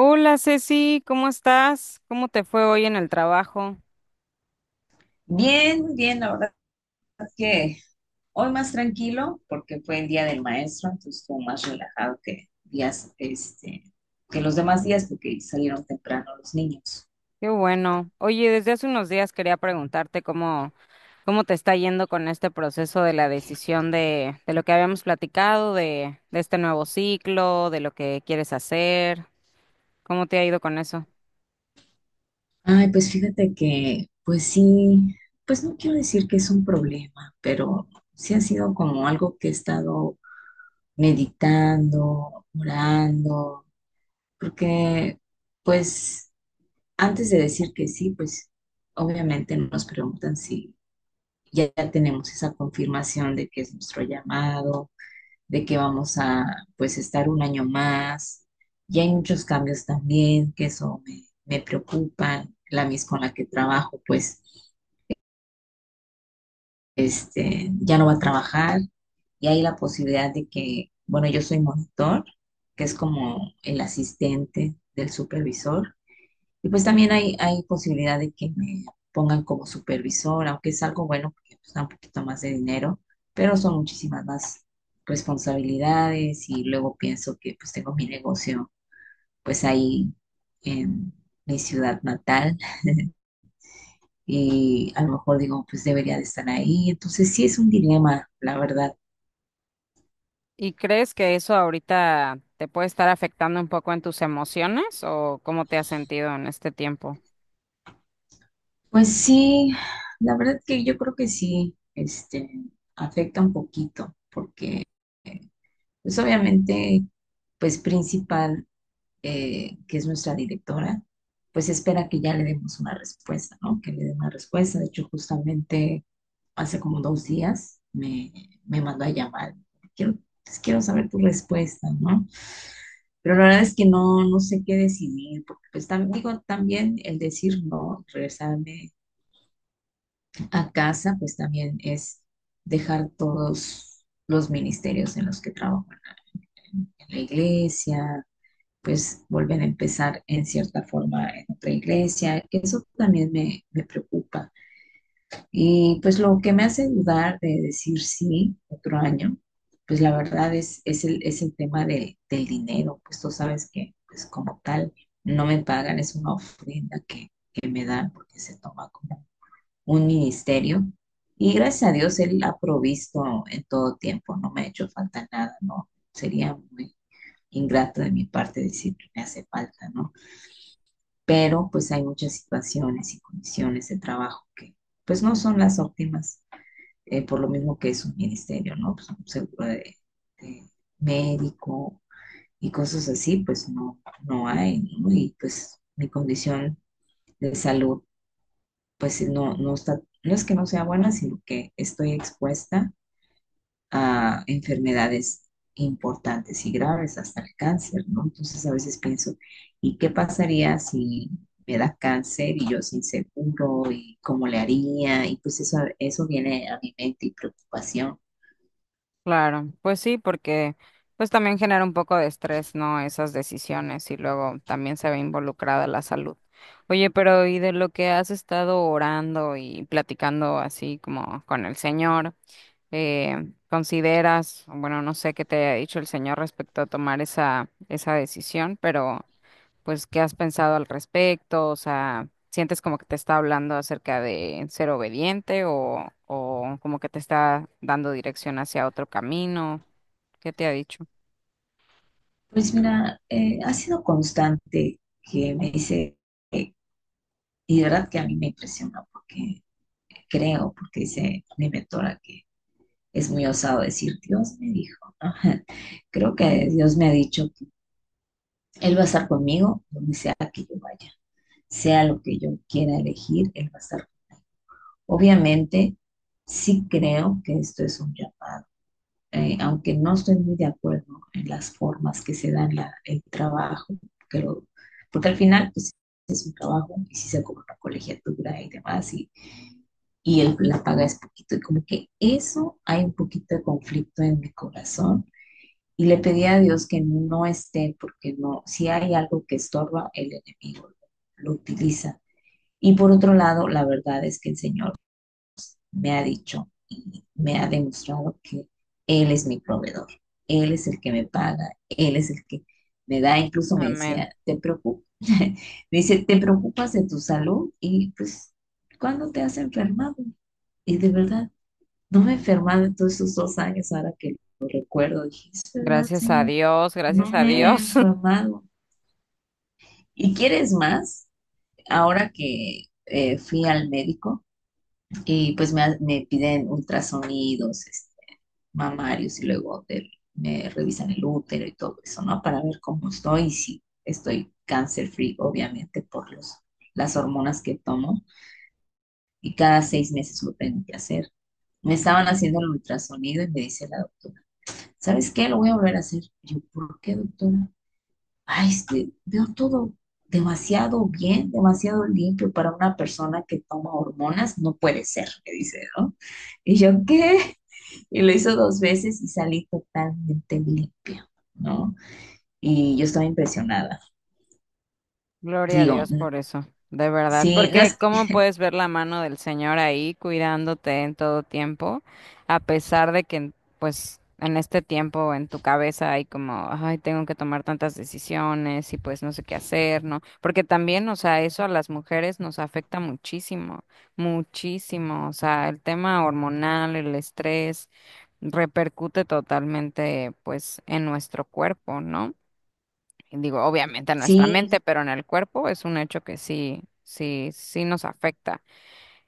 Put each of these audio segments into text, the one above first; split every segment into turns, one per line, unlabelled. Hola Ceci, ¿cómo estás? ¿Cómo te fue hoy en el trabajo?
Bien, bien, la verdad es que hoy más tranquilo porque fue el día del maestro, entonces estuvo más relajado que los demás días porque salieron temprano los niños.
Qué bueno. Oye, desde hace unos días quería preguntarte cómo te está yendo con este proceso de la decisión de lo que habíamos platicado, de este nuevo ciclo, de lo que quieres hacer. ¿Cómo te ha ido con eso?
Ay, pues fíjate que, pues sí, pues no quiero decir que es un problema, pero sí ha sido como algo que he estado meditando, orando, porque pues antes de decir que sí, pues obviamente no nos preguntan si ya tenemos esa confirmación de que es nuestro llamado, de que vamos a pues estar un año más. Ya hay muchos cambios también, que eso me preocupa. La mis con la que trabajo, pues ya no va a trabajar y hay la posibilidad de que, bueno, yo soy monitor, que es como el asistente del supervisor, y pues también hay posibilidad de que me pongan como supervisora, aunque es algo bueno porque pues, da un poquito más de dinero, pero son muchísimas más responsabilidades y luego pienso que pues tengo mi negocio pues ahí en mi ciudad natal y a lo mejor digo pues debería de estar ahí. Entonces sí es un dilema, la verdad.
¿Y crees que eso ahorita te puede estar afectando un poco en tus emociones o cómo te has sentido en este tiempo?
Pues sí, la verdad que yo creo que sí, este, afecta un poquito porque pues obviamente pues principal que es nuestra directora, pues espera que ya le demos una respuesta, ¿no? Que le dé una respuesta. De hecho, justamente hace como 2 días me mandó a llamar. Quiero, pues, quiero saber tu respuesta, ¿no? Pero la verdad es que no, no sé qué decidir, porque pues también, digo, también el decir no, regresarme a casa, pues también es dejar todos los ministerios en los que trabajo, en la iglesia, pues vuelven a empezar en cierta forma en otra iglesia. Eso también me preocupa. Y pues lo que me hace dudar de decir sí otro año, pues la verdad es el tema del dinero, pues tú sabes que pues como tal no me pagan, es una ofrenda que me dan porque se toma como un ministerio. Y gracias a Dios Él ha provisto en todo tiempo, no me ha hecho falta nada, no sería muy ingrato de mi parte decir que me hace falta, ¿no? Pero pues hay muchas situaciones y condiciones de trabajo que pues no son las óptimas, por lo mismo que es un ministerio, ¿no? Pues un seguro de médico y cosas así, pues no, no hay, ¿no? Y pues mi condición de salud, pues no, no está, no es que no sea buena, sino que estoy expuesta a enfermedades importantes y graves, hasta el cáncer, ¿no? Entonces a veces pienso, ¿y qué pasaría si me da cáncer y yo sin seguro? ¿Y cómo le haría? Y pues eso viene a mi mente y preocupación.
Claro, pues sí, porque pues también genera un poco de estrés, ¿no? Esas decisiones y luego también se ve involucrada la salud. Oye, pero ¿y de lo que has estado orando y platicando así como con el Señor, consideras, bueno, no sé qué te haya dicho el Señor respecto a tomar esa, esa decisión, pero pues, ¿qué has pensado al respecto? O sea, ¿sientes como que te está hablando acerca de ser obediente o como que te está dando dirección hacia otro camino? ¿Qué te ha dicho?
Pues mira, ha sido constante que me dice, eh, y de verdad que a mí me impresiona porque creo, porque dice mi mentora que es muy osado decir, Dios me dijo, ¿no? Creo que Dios me ha dicho Él va a estar conmigo donde sea que yo vaya, sea lo que yo quiera elegir, Él va a estar. Obviamente, sí creo que esto es un llamado, aunque no estoy muy de acuerdo en las formas que se dan la, el trabajo, que lo, porque al final pues, es un trabajo y si se cobra una colegiatura y demás, y el, la paga es poquito, y como que eso hay un poquito de conflicto en mi corazón y le pedí a Dios que no esté, porque no, si hay algo que estorba, el enemigo lo utiliza. Y por otro lado, la verdad es que el Señor me ha dicho y me ha demostrado que Él es mi proveedor, Él es el que me paga, Él es el que me da, incluso me
Amén.
decía, te preocupas, me dice, te preocupas de tu salud y pues, ¿cuándo te has enfermado? Y de verdad, no me he enfermado en todos esos 2 años ahora que recuerdo, dije, es verdad,
Gracias a
Señor,
Dios,
no
gracias a
me he
Dios.
enfermado. ¿Y quieres más? Ahora que fui al médico y pues me piden ultrasonidos, este, mamarios y luego me revisan el útero y todo eso, ¿no? Para ver cómo estoy y si estoy cancer free, obviamente, por las hormonas que tomo y cada 6 meses lo tengo que hacer. Me estaban haciendo el ultrasonido y me dice la doctora, ¿sabes qué? Lo voy a volver a hacer. Yo, ¿por qué, doctora? Ay, es que veo todo demasiado bien, demasiado limpio para una persona que toma hormonas, no puede ser, me dice, ¿no? Y yo, ¿qué? Y lo hizo dos veces y salí totalmente limpia, ¿no? Y yo estaba impresionada.
Gloria a
Digo,
Dios por eso, de verdad,
sí, no
porque
es que-
¿cómo puedes ver la mano del Señor ahí cuidándote en todo tiempo, a pesar de que, pues, en este tiempo en tu cabeza hay como, ay, tengo que tomar tantas decisiones y pues no sé qué hacer, ¿no? Porque también, o sea, eso a las mujeres nos afecta muchísimo, muchísimo, o sea, el tema hormonal, el estrés, repercute totalmente, pues, en nuestro cuerpo, ¿no? Digo, obviamente en nuestra
sí,
mente, pero en el cuerpo es un hecho que sí, sí, sí nos afecta.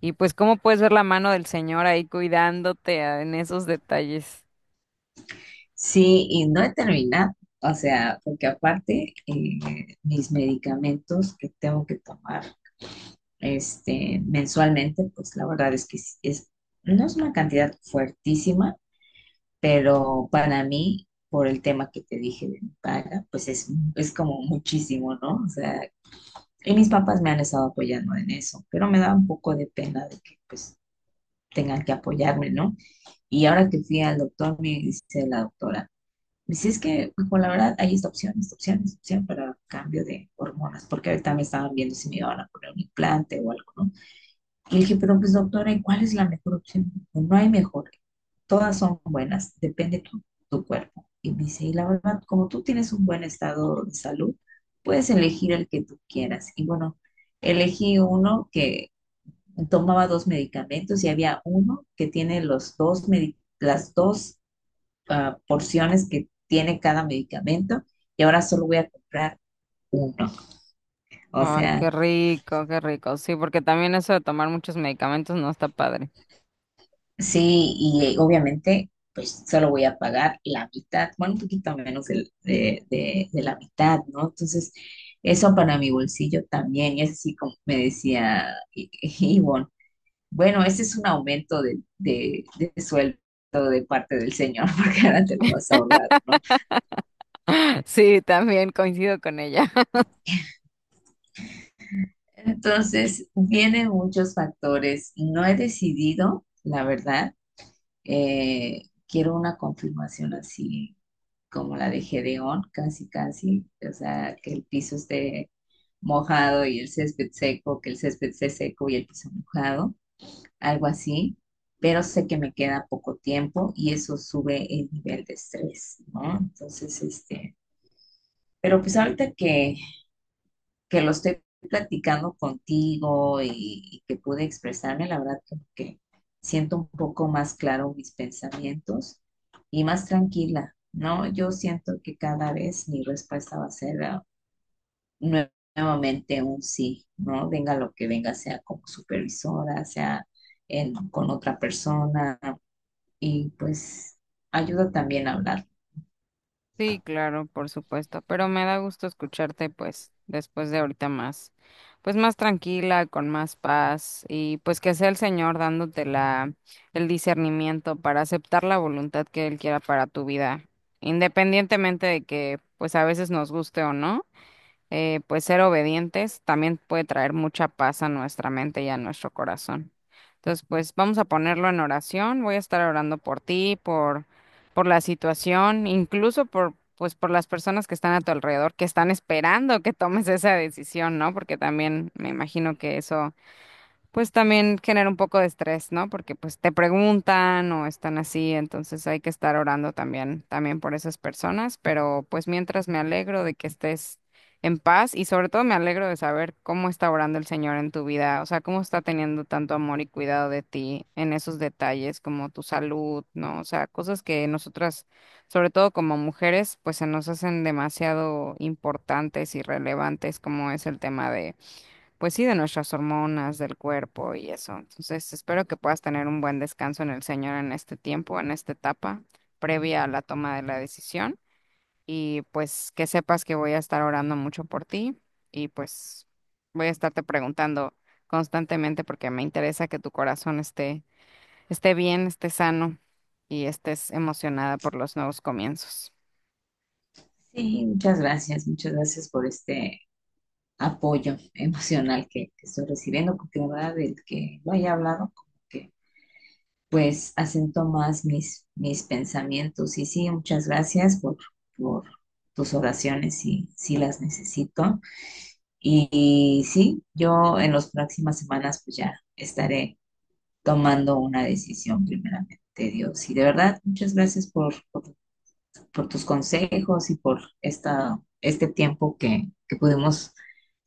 Y pues, ¿cómo puedes ver la mano del Señor ahí cuidándote en esos detalles?
sí, y no he terminado. O sea, porque aparte, mis medicamentos que tengo que tomar este, mensualmente, pues la verdad es que no es una cantidad fuertísima, pero para mí, por el tema que te dije de mi paga, pues es como muchísimo, ¿no? O sea, y mis papás me han estado apoyando en eso, pero me da un poco de pena de que pues tengan que apoyarme, ¿no? Y ahora que fui al doctor, me dice la doctora, me dice, es que, pues la verdad, hay esta opción, esta opción, esta opción para cambio de hormonas, porque ahorita me estaban viendo si me iban a poner un implante o algo, ¿no? Le dije, pero pues doctora, ¿y cuál es la mejor opción? Dijo, no hay mejor, todas son buenas, depende tu, tu cuerpo. Y me dice, y la verdad, como tú tienes un buen estado de salud, puedes elegir el que tú quieras. Y bueno, elegí uno que tomaba dos medicamentos y había uno que tiene las dos porciones que tiene cada medicamento y ahora solo voy a comprar uno. O
Ay,
sea,
qué rico, qué rico. Sí, porque también eso de tomar muchos medicamentos no está padre.
sí, y obviamente, pues solo voy a pagar la mitad, bueno, un poquito menos de la mitad, ¿no? Entonces, eso para mi bolsillo también, y es así como me decía Ivonne, bueno, ese es un aumento de sueldo de parte del Señor, porque ahora te lo vas a ahorrar, ¿no?
Sí, también coincido con ella.
Entonces, vienen muchos factores. No he decidido, la verdad, quiero una confirmación así como la de Gedeón, casi, casi, o sea, que el piso esté mojado y el césped seco, que el césped esté seco y el piso mojado, algo así, pero sé que me queda poco tiempo y eso sube el nivel de estrés, ¿no? Entonces, este, pero pues ahorita que lo estoy platicando contigo y que pude expresarme, la verdad como que siento un poco más claro mis pensamientos y más tranquila, ¿no? Yo siento que cada vez mi respuesta va a ser nue- nuevamente un sí, ¿no? Venga lo que venga, sea como supervisora, sea con otra persona y pues ayuda también a hablar.
Sí, claro, por supuesto, pero me da gusto escucharte pues después de ahorita más, pues más tranquila, con más paz y pues que sea el Señor dándote la, el discernimiento para aceptar la voluntad que Él quiera para tu vida, independientemente de que pues a veces nos guste o no pues ser obedientes también puede traer mucha paz a nuestra mente y a nuestro corazón. Entonces, pues vamos a ponerlo en oración. Voy a estar orando por ti, por la situación, incluso por, pues, por las personas que están a tu alrededor, que están esperando que tomes esa decisión, ¿no? Porque también me imagino
Sí,
que eso pues también genera un poco de estrés, ¿no? Porque pues te preguntan o están así, entonces hay que estar orando también, también por esas personas, pero pues mientras me alegro de que estés en paz y sobre todo me alegro de saber cómo está orando el Señor en tu vida, o sea, cómo está teniendo tanto amor y cuidado de ti en esos detalles como tu salud, ¿no? O sea, cosas que nosotras, sobre todo como mujeres, pues se nos hacen demasiado importantes y relevantes como es el tema de pues sí, de nuestras hormonas, del cuerpo y eso. Entonces, espero que puedas tener un buen descanso en el Señor en este tiempo, en esta etapa previa a la toma de la decisión. Y pues que sepas que voy a estar orando mucho por ti y pues voy a estarte preguntando constantemente porque me interesa que tu corazón esté, esté bien, esté sano y estés emocionada por los nuevos comienzos.
sí, muchas gracias por este apoyo emocional que estoy recibiendo, porque la verdad del que lo haya hablado, como que pues acento más mis pensamientos. Y sí, muchas gracias por tus oraciones, si las necesito. Y sí, yo en las próximas semanas pues ya estaré tomando una decisión primeramente. Dios. Y de verdad, muchas gracias por tus consejos y por este tiempo que pudimos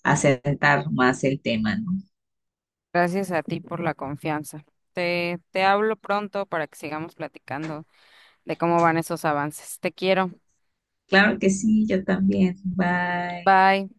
asentar más el tema, ¿no?
Gracias a ti por la confianza. Te hablo pronto para que sigamos platicando de cómo van esos avances. Te quiero.
Claro que sí, yo también. Bye.
Bye.